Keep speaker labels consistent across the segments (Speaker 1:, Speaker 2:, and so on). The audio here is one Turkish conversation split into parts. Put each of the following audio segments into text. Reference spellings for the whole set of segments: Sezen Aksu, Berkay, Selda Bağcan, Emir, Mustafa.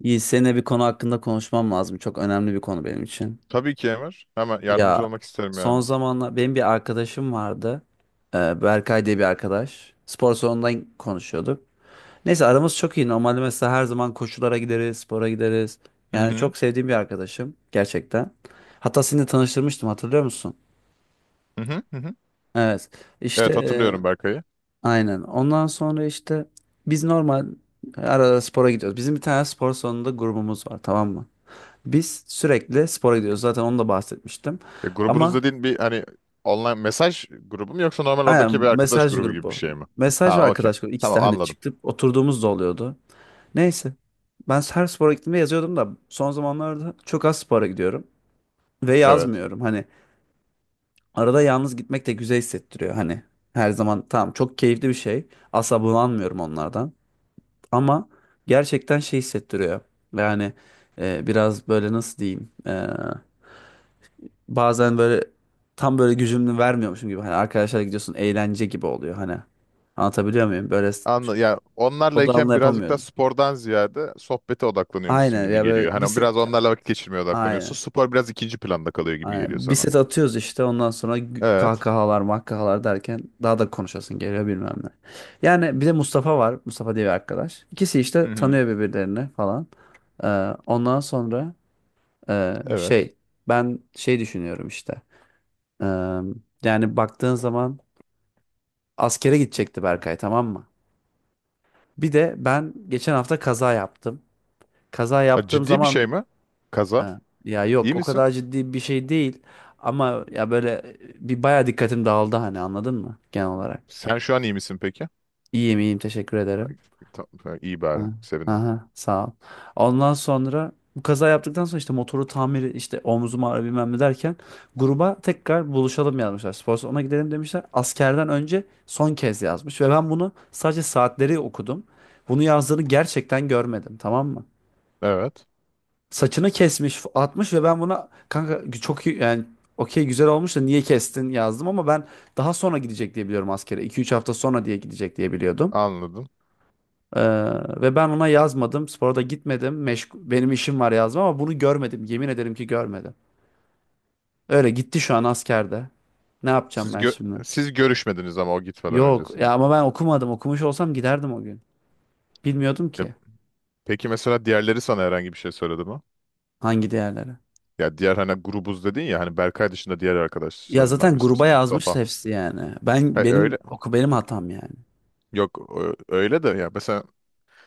Speaker 1: İyi, seninle bir konu hakkında konuşmam lazım. Çok önemli bir konu benim için.
Speaker 2: Tabii ki Emir. Hemen yardımcı
Speaker 1: Ya
Speaker 2: olmak isterim
Speaker 1: son
Speaker 2: yani.
Speaker 1: zamanlar benim bir arkadaşım vardı. Berkay diye bir arkadaş. Spor salonundan konuşuyorduk. Neyse aramız çok iyi. Normalde mesela her zaman koşulara gideriz, spora gideriz.
Speaker 2: Hı
Speaker 1: Yani
Speaker 2: hı.
Speaker 1: çok sevdiğim bir arkadaşım gerçekten. Hatta seni de tanıştırmıştım, hatırlıyor musun?
Speaker 2: Hı hı. Hı hı.
Speaker 1: Evet. İşte
Speaker 2: Evet, hatırlıyorum Berkay'ı.
Speaker 1: aynen. Ondan sonra işte biz normal arada spora gidiyoruz. Bizim bir tane spor salonunda grubumuz var, tamam mı? Biz sürekli spora gidiyoruz. Zaten onu da bahsetmiştim.
Speaker 2: Ya, grubunuz
Speaker 1: Ama
Speaker 2: dediğin bir hani online mesaj grubu mu, yoksa normal oradaki bir
Speaker 1: aynen,
Speaker 2: arkadaş
Speaker 1: mesaj
Speaker 2: grubu gibi bir
Speaker 1: grubu.
Speaker 2: şey mi?
Speaker 1: Mesaj ve
Speaker 2: Ha, okey.
Speaker 1: arkadaş grubu. İkisi de
Speaker 2: Tamam,
Speaker 1: hani
Speaker 2: anladım.
Speaker 1: çıktıp oturduğumuz da oluyordu. Neyse. Ben her spora gittiğimde yazıyordum da son zamanlarda çok az spora gidiyorum. Ve
Speaker 2: Evet.
Speaker 1: yazmıyorum. Hani arada yalnız gitmek de güzel hissettiriyor. Hani her zaman tamam, çok keyifli bir şey. Asla bunalmıyorum onlardan. Ama gerçekten şey hissettiriyor. Yani biraz böyle, nasıl diyeyim. Bazen böyle tam böyle gücümü vermiyormuşum gibi, hani arkadaşlarla gidiyorsun eğlence gibi oluyor hani. Anlatabiliyor muyum?
Speaker 2: Anla ya,
Speaker 1: Odağımla
Speaker 2: onlarlayken birazcık daha
Speaker 1: yapamıyordum.
Speaker 2: spordan ziyade sohbete odaklanıyormuşsun
Speaker 1: Aynen
Speaker 2: gibi
Speaker 1: ya,
Speaker 2: geliyor.
Speaker 1: böyle bir
Speaker 2: Hani
Speaker 1: set
Speaker 2: biraz onlarla vakit geçirmeye odaklanıyorsun.
Speaker 1: aynen.
Speaker 2: Spor biraz ikinci planda kalıyor gibi geliyor
Speaker 1: Aynen. Bir
Speaker 2: sana.
Speaker 1: set atıyoruz işte ondan sonra
Speaker 2: Evet.
Speaker 1: kahkahalar makkahalar derken daha da konuşasın geliyor bilmem ne. Yani bir de Mustafa var. Mustafa diye bir arkadaş. İkisi işte
Speaker 2: Hı hı.
Speaker 1: tanıyor birbirlerini falan. Ee, ondan sonra e,
Speaker 2: Evet.
Speaker 1: şey ben şey düşünüyorum işte. Ee, yani baktığın zaman askere gidecekti Berkay, tamam mı? Bir de ben geçen hafta kaza yaptım. Kaza
Speaker 2: Ha,
Speaker 1: yaptığım
Speaker 2: ciddi bir şey
Speaker 1: zaman
Speaker 2: mi? Kaza.
Speaker 1: ha, ya
Speaker 2: İyi
Speaker 1: yok, o
Speaker 2: misin?
Speaker 1: kadar ciddi bir şey değil. Ama ya böyle bir baya dikkatim dağıldı, hani anladın mı genel olarak?
Speaker 2: Sen şu an iyi misin peki?
Speaker 1: İyiyim iyiyim, teşekkür ederim.
Speaker 2: Ay, İyi bari.
Speaker 1: Ha.
Speaker 2: Sevindim.
Speaker 1: Aha, sağ ol. Ondan sonra bu kaza yaptıktan sonra işte motoru tamiri işte omzum ağrı bilmem ne derken gruba tekrar buluşalım yazmışlar. Spor salonuna gidelim demişler. Askerden önce son kez yazmış ve ben bunu sadece saatleri okudum. Bunu yazdığını gerçekten görmedim, tamam mı?
Speaker 2: Evet.
Speaker 1: Saçını kesmiş atmış ve ben buna kanka çok iyi yani okey, güzel olmuş da niye kestin yazdım, ama ben daha sonra gidecek diye biliyorum askere. 2-3 hafta sonra diye gidecek diye biliyordum.
Speaker 2: Anladım.
Speaker 1: Ee, ve ben ona yazmadım. Spora da gitmedim. Meşgul, benim işim var yazma ama bunu görmedim. Yemin ederim ki görmedim. Öyle gitti, şu an askerde. Ne yapacağım
Speaker 2: Siz
Speaker 1: ben
Speaker 2: gö-
Speaker 1: şimdi?
Speaker 2: siz görüşmediniz ama o gitmeden
Speaker 1: Yok ya,
Speaker 2: öncesinde.
Speaker 1: ama ben okumadım. Okumuş olsam giderdim o gün. Bilmiyordum
Speaker 2: Ya,
Speaker 1: ki
Speaker 2: peki mesela diğerleri sana herhangi bir şey söyledi mi?
Speaker 1: hangi değerlere.
Speaker 2: Ya diğer hani grubuz dedin ya, hani Berkay dışında diğer
Speaker 1: Ya
Speaker 2: arkadaşlarından
Speaker 1: zaten
Speaker 2: birisi
Speaker 1: gruba
Speaker 2: misin?
Speaker 1: yazmıştı
Speaker 2: Mustafa.
Speaker 1: hepsi yani. Ben
Speaker 2: Ha,
Speaker 1: benim
Speaker 2: öyle.
Speaker 1: oku, benim hatam yani.
Speaker 2: Yok ö- Öyle de ya, mesela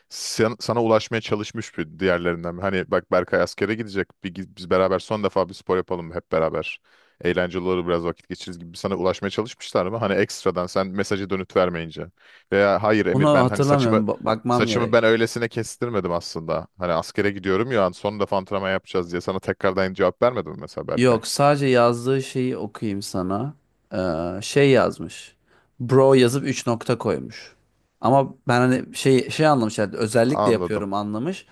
Speaker 2: sana ulaşmaya çalışmış bir diğerlerinden. Hani bak, Berkay askere gidecek. Biz beraber son defa bir spor yapalım hep beraber. Eğlenceli olur, biraz vakit geçiririz gibi sana ulaşmaya çalışmışlar mı? Hani ekstradan sen mesajı dönüt vermeyince. Veya hayır
Speaker 1: Onu
Speaker 2: Emir, ben hani saçımı
Speaker 1: hatırlamıyorum. Bakmam
Speaker 2: saçımı
Speaker 1: gerek.
Speaker 2: ben öylesine kestirmedim aslında. Hani askere gidiyorum ya, son defa antrenman yapacağız diye sana tekrardan cevap vermedim mi mesela Berkay?
Speaker 1: Yok, sadece yazdığı şeyi okuyayım sana. Yazmış. Bro yazıp 3 nokta koymuş. Ama ben hani şey anlamış yani, özellikle
Speaker 2: Anladım.
Speaker 1: yapıyorum anlamış.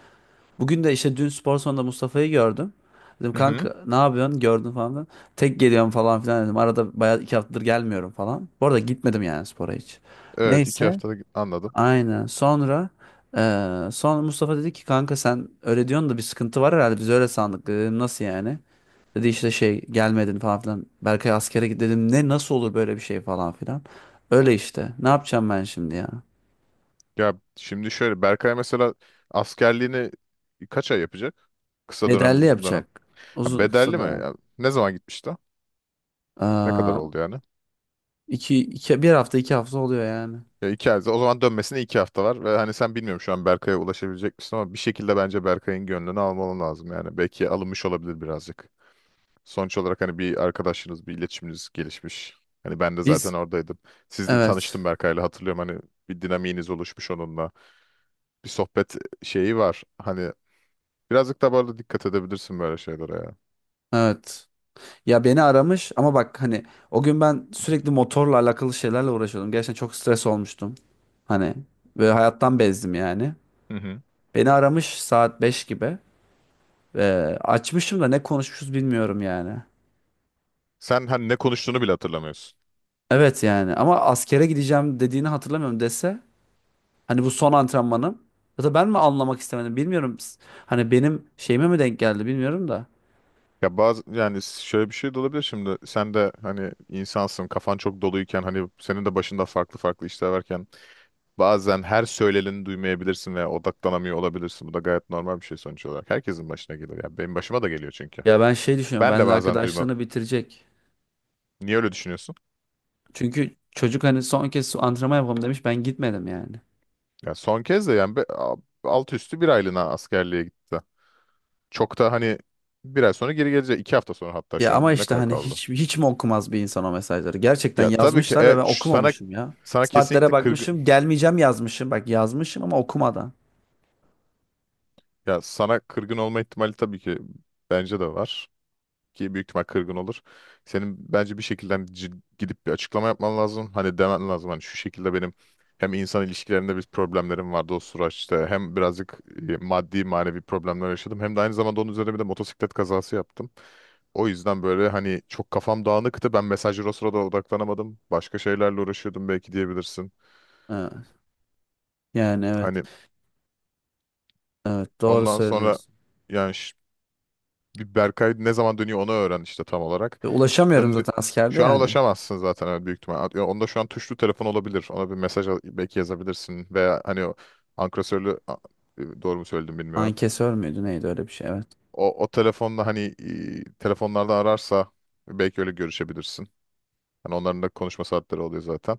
Speaker 1: Bugün de işte dün spor salonunda Mustafa'yı gördüm. Dedim
Speaker 2: Hı hı.
Speaker 1: kanka ne yapıyorsun gördün falan filan. Tek geliyorum falan filan dedim. Arada bayağı 2 haftadır gelmiyorum falan. Bu arada gitmedim yani spora hiç.
Speaker 2: Evet, iki
Speaker 1: Neyse
Speaker 2: haftada anladım.
Speaker 1: aynen sonra sonra Mustafa dedi ki kanka sen öyle diyorsun da bir sıkıntı var herhalde, biz öyle sandık, dedim nasıl yani. Dedi işte şey gelmedin falan filan. Berkay askere git dedim. Ne, nasıl olur böyle bir şey falan filan. Öyle işte. Ne yapacağım ben şimdi ya?
Speaker 2: Ya şimdi şöyle, Berkay mesela askerliğini kaç ay yapacak? Kısa dönem mi,
Speaker 1: Bedelli
Speaker 2: uzun dönem?
Speaker 1: yapacak.
Speaker 2: Ha,
Speaker 1: Uzun kısa
Speaker 2: bedelli mi?
Speaker 1: dönem.
Speaker 2: Ya, ne zaman gitmişti? Ne kadar
Speaker 1: Aa,
Speaker 2: oldu yani?
Speaker 1: 1 hafta 2 hafta oluyor yani.
Speaker 2: Ya iki ay. O zaman dönmesine iki hafta var. Ve hani sen, bilmiyorum şu an Berkay'a ulaşabilecek misin, ama bir şekilde bence Berkay'ın gönlünü almalı lazım yani. Belki alınmış olabilir birazcık. Sonuç olarak hani bir arkadaşınız, bir iletişiminiz gelişmiş. Hani ben de zaten
Speaker 1: Biz
Speaker 2: oradaydım. Siz de
Speaker 1: evet.
Speaker 2: tanıştım Berkay'la, hatırlıyorum hani bir dinamiğiniz oluşmuş onunla. Bir sohbet şeyi var. Hani birazcık daha böyle dikkat edebilirsin böyle şeylere ya.
Speaker 1: Evet. Ya beni aramış ama bak hani o gün ben sürekli motorla alakalı şeylerle uğraşıyordum. Gerçekten çok stres olmuştum. Hani ve hayattan bezdim yani.
Speaker 2: Hı hı.
Speaker 1: Beni aramış saat 5 gibi. Ee, açmışım da ne konuşmuşuz bilmiyorum yani.
Speaker 2: Sen hani ne konuştuğunu bile hatırlamıyorsun.
Speaker 1: Evet yani ama askere gideceğim dediğini hatırlamıyorum, dese hani bu son antrenmanım, ya da ben mi anlamak istemedim bilmiyorum. Hani benim şeyime mi denk geldi bilmiyorum da.
Speaker 2: Ya bazı yani şöyle bir şey de olabilir şimdi. Sen de hani insansın, kafan çok doluyken, hani senin de başında farklı farklı işler varken bazen her söyleneni duymayabilirsin veya odaklanamıyor olabilirsin. Bu da gayet normal bir şey sonuç olarak. Herkesin başına gelir ya. Benim başıma da geliyor çünkü.
Speaker 1: Ya ben şey düşünüyorum,
Speaker 2: Ben de
Speaker 1: benle
Speaker 2: bazen duymam.
Speaker 1: arkadaşlığını bitirecek.
Speaker 2: Niye öyle düşünüyorsun?
Speaker 1: Çünkü çocuk hani son kez antrenman yapalım demiş, ben gitmedim yani.
Speaker 2: Ya son kez de yani alt üstü bir aylığına askerliğe gitti. Çok da hani bir ay sonra geri gelecek. İki hafta sonra hatta,
Speaker 1: Ya
Speaker 2: şu
Speaker 1: ama
Speaker 2: an ne
Speaker 1: işte
Speaker 2: kadar
Speaker 1: hani
Speaker 2: kaldı?
Speaker 1: hiç hiç mi okumaz bir insan o mesajları? Gerçekten
Speaker 2: Ya tabii ki
Speaker 1: yazmışlar ve ben
Speaker 2: sana
Speaker 1: okumamışım ya. Saatlere
Speaker 2: kesinlikle kırgın,
Speaker 1: bakmışım, gelmeyeceğim yazmışım. Bak yazmışım ama okumadan.
Speaker 2: ya sana kırgın olma ihtimali tabii ki bence de var, ki büyük ihtimal kırgın olur. Senin bence bir şekilde hani gidip bir açıklama yapman lazım. Hani demen lazım hani şu şekilde, benim hem insan ilişkilerinde bir problemlerim vardı o süreçte, hem birazcık maddi manevi problemler yaşadım, hem de aynı zamanda onun üzerine bir de motosiklet kazası yaptım. O yüzden böyle hani çok kafam dağınıktı. Ben mesajlara o sırada odaklanamadım. Başka şeylerle uğraşıyordum belki diyebilirsin.
Speaker 1: Evet. Yani evet.
Speaker 2: Hani
Speaker 1: Evet doğru
Speaker 2: ondan sonra
Speaker 1: söylüyorsun.
Speaker 2: yani bir Berkay ne zaman dönüyor onu öğren işte tam olarak.
Speaker 1: Ve ulaşamıyorum
Speaker 2: Döndü.
Speaker 1: zaten askerde
Speaker 2: Şu an
Speaker 1: yani.
Speaker 2: ulaşamazsın zaten öyle, büyük ihtimal. Onda şu an tuşlu telefon olabilir. Ona bir belki yazabilirsin. Veya hani o ankesörlü a- doğru mu söyledim
Speaker 1: Ay,
Speaker 2: bilmiyorum.
Speaker 1: kesör müydü neydi öyle bir şey, evet.
Speaker 2: O telefonla hani telefonlardan ararsa belki öyle görüşebilirsin. Hani onların da konuşma saatleri oluyor zaten.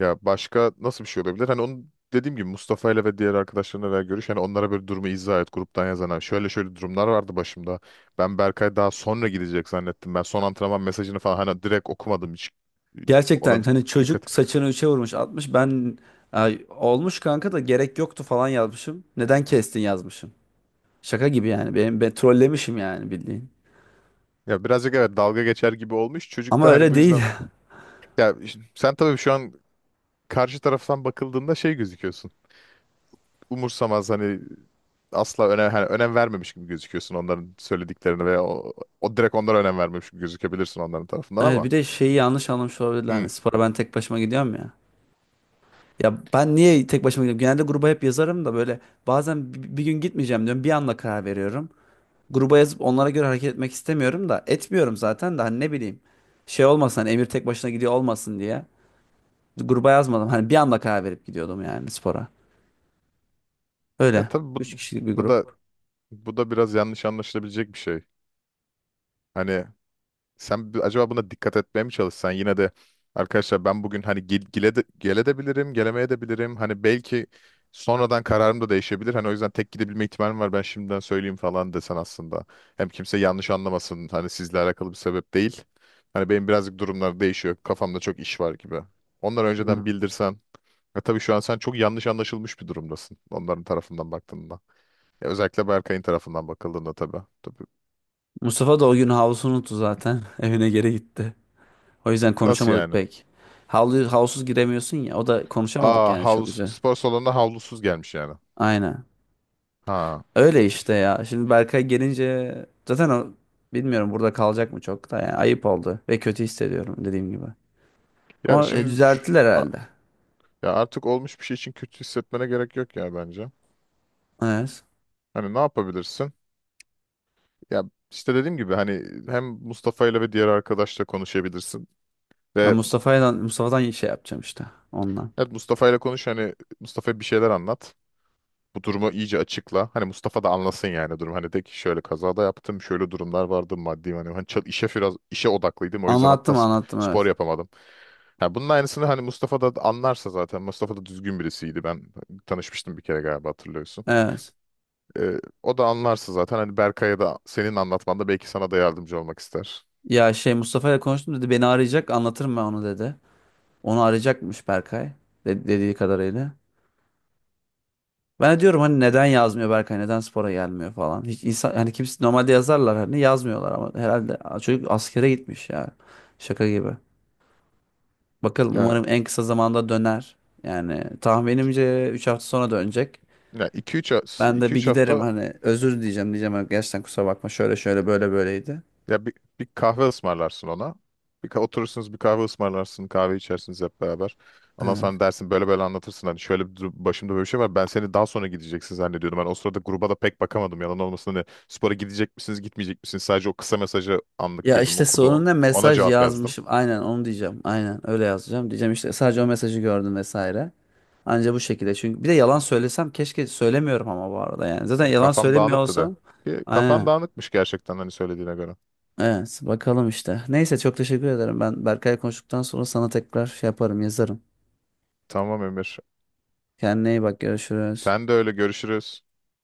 Speaker 2: Ya başka nasıl bir şey olabilir? Hani onu, dediğim gibi Mustafa ile ve diğer arkadaşlarına da görüş. Hani onlara böyle durumu izah et, gruptan yazana. Şöyle şöyle durumlar vardı başımda. Ben Berkay daha sonra gidecek zannettim. Ben son antrenman mesajını falan hani direkt okumadım hiç. Ona
Speaker 1: Gerçekten hani
Speaker 2: dikkat.
Speaker 1: çocuk saçını üçe vurmuş atmış, ben ay, olmuş kanka da gerek yoktu falan yazmışım. Neden kestin yazmışım. Şaka gibi yani ben trollemişim yani bildiğin.
Speaker 2: Ya birazcık evet, dalga geçer gibi olmuş. Çocuk
Speaker 1: Ama
Speaker 2: da hani
Speaker 1: öyle
Speaker 2: bu
Speaker 1: değil.
Speaker 2: yüzden. Ya sen tabii şu an karşı taraftan bakıldığında şey gözüküyorsun. Umursamaz, hani asla önem, hani önem vermemiş gibi gözüküyorsun onların söylediklerini, veya o, o direkt onlara önem vermemiş gibi gözükebilirsin onların tarafından
Speaker 1: Evet,
Speaker 2: ama.
Speaker 1: bir de şeyi yanlış anlamış olabilirler.
Speaker 2: Hmm.
Speaker 1: Hani spora ben tek başıma gidiyorum ya. Ya ben niye tek başıma gidiyorum? Genelde gruba hep yazarım da böyle bazen gün gitmeyeceğim diyorum. Bir anda karar veriyorum. Gruba yazıp onlara göre hareket etmek istemiyorum da, etmiyorum zaten de, hani ne bileyim. Şey olmasın hani, Emir tek başına gidiyor olmasın diye. Gruba yazmadım. Hani bir anda karar verip gidiyordum yani spora.
Speaker 2: Ya
Speaker 1: Öyle.
Speaker 2: tabii bu,
Speaker 1: 3 kişilik bir
Speaker 2: bu da
Speaker 1: grup.
Speaker 2: biraz yanlış anlaşılabilecek bir şey. Hani sen acaba buna dikkat etmeye mi çalışsan yine de, arkadaşlar ben bugün hani gele de bilirim, gelemeye de bilirim. Hani belki sonradan kararım da değişebilir. Hani o yüzden tek gidebilme ihtimalim var. Ben şimdiden söyleyeyim falan desen aslında. Hem kimse yanlış anlamasın. Hani sizle alakalı bir sebep değil. Hani benim birazcık durumlar değişiyor. Kafamda çok iş var gibi. Onları
Speaker 1: Hı.
Speaker 2: önceden bildirsen. Ya tabii şu an sen çok yanlış anlaşılmış bir durumdasın. Onların tarafından baktığında. Ya özellikle Berkay'ın tarafından bakıldığında tabii. Tabii.
Speaker 1: Mustafa da o gün havlusunu unuttu zaten. Evine geri gitti. O yüzden
Speaker 2: Nasıl
Speaker 1: konuşamadık
Speaker 2: yani?
Speaker 1: pek. Havlu, havlusuz giremiyorsun ya. O da konuşamadık
Speaker 2: Aa,
Speaker 1: yani, çok
Speaker 2: havlu,
Speaker 1: güzel.
Speaker 2: spor salonuna havlusuz gelmiş yani.
Speaker 1: Aynen.
Speaker 2: Ha.
Speaker 1: Öyle işte ya. Şimdi Berkay gelince zaten o bilmiyorum burada kalacak mı çok da, yani ayıp oldu ve kötü hissediyorum dediğim gibi.
Speaker 2: Ya
Speaker 1: Ama
Speaker 2: şimdi
Speaker 1: düzelttiler
Speaker 2: a-
Speaker 1: herhalde.
Speaker 2: ya artık olmuş bir şey için kötü hissetmene gerek yok ya bence.
Speaker 1: Evet.
Speaker 2: Hani ne yapabilirsin? Ya işte dediğim gibi hani hem Mustafa ile ve diğer arkadaşla konuşabilirsin.
Speaker 1: Ben
Speaker 2: Ve
Speaker 1: Mustafa'dan şey yapacağım işte ondan.
Speaker 2: evet, Mustafa ile konuş, hani Mustafa'ya bir şeyler anlat. Bu durumu iyice açıkla. Hani Mustafa da anlasın yani durum. Hani de ki şöyle, kazada yaptım, şöyle durumlar vardı maddi. Hani işe biraz işe odaklıydım. O yüzden hatta
Speaker 1: Anlattım anlattım,
Speaker 2: spor
Speaker 1: evet.
Speaker 2: yapamadım. Ha, bunun aynısını hani Mustafa da anlarsa zaten. Mustafa da düzgün birisiydi. Ben tanışmıştım bir kere galiba, hatırlıyorsun.
Speaker 1: Evet.
Speaker 2: Ee, O da anlarsa zaten hani Berkay'a da senin anlatmanda belki sana da yardımcı olmak ister.
Speaker 1: Ya şey, Mustafa ile konuştum, dedi beni arayacak, anlatırım ben onu dedi. Onu arayacakmış Berkay, dediği kadarıyla. Ben de diyorum hani neden yazmıyor Berkay, neden spora gelmiyor falan. Hiç insan hani kimse normalde yazarlar hani, yazmıyorlar ama herhalde çocuk askere gitmiş ya. Şaka gibi. Bakalım,
Speaker 2: Yani,
Speaker 1: umarım en kısa zamanda döner. Yani tahminimce 3 hafta sonra dönecek.
Speaker 2: yani, 2-3
Speaker 1: Ben de bir giderim
Speaker 2: hafta.
Speaker 1: hani özür diyeceğim diyeceğim, hani gerçekten kusura bakma şöyle şöyle böyle böyleydi.
Speaker 2: Ya bir, Bir kahve ısmarlarsın ona. Oturursunuz, bir kahve ısmarlarsın, kahve içersiniz hep beraber. Ondan sonra
Speaker 1: Evet.
Speaker 2: dersin böyle böyle, anlatırsın. Hani şöyle bir başımda böyle bir şey var. Ben seni daha sonra gideceksin zannediyordum. Ben o sırada gruba da pek bakamadım. Yalan olmasın hani, spora gidecek misiniz, gitmeyecek misiniz? Sadece o kısa mesajı anlık
Speaker 1: Ya
Speaker 2: gözüm
Speaker 1: işte
Speaker 2: okudu. O.
Speaker 1: sorun ne?
Speaker 2: Ona
Speaker 1: Mesaj
Speaker 2: cevap yazdım.
Speaker 1: yazmışım. Aynen onu diyeceğim. Aynen öyle yazacağım. Diyeceğim işte sadece o mesajı gördüm vesaire. Anca bu şekilde. Çünkü bir de yalan söylesem keşke, söylemiyorum ama bu arada yani. Zaten
Speaker 2: Ya
Speaker 1: yalan
Speaker 2: kafam
Speaker 1: söylemiyor
Speaker 2: dağınıktı da.
Speaker 1: olsam.
Speaker 2: Ki kafan
Speaker 1: Aynen.
Speaker 2: dağınıkmış gerçekten hani söylediğine göre.
Speaker 1: Evet bakalım işte. Neyse çok teşekkür ederim. Ben Berkay'la konuştuktan sonra sana tekrar şey yaparım, yazarım.
Speaker 2: Tamam Emir.
Speaker 1: Kendine iyi bak, görüşürüz.
Speaker 2: Sen de öyle, görüşürüz.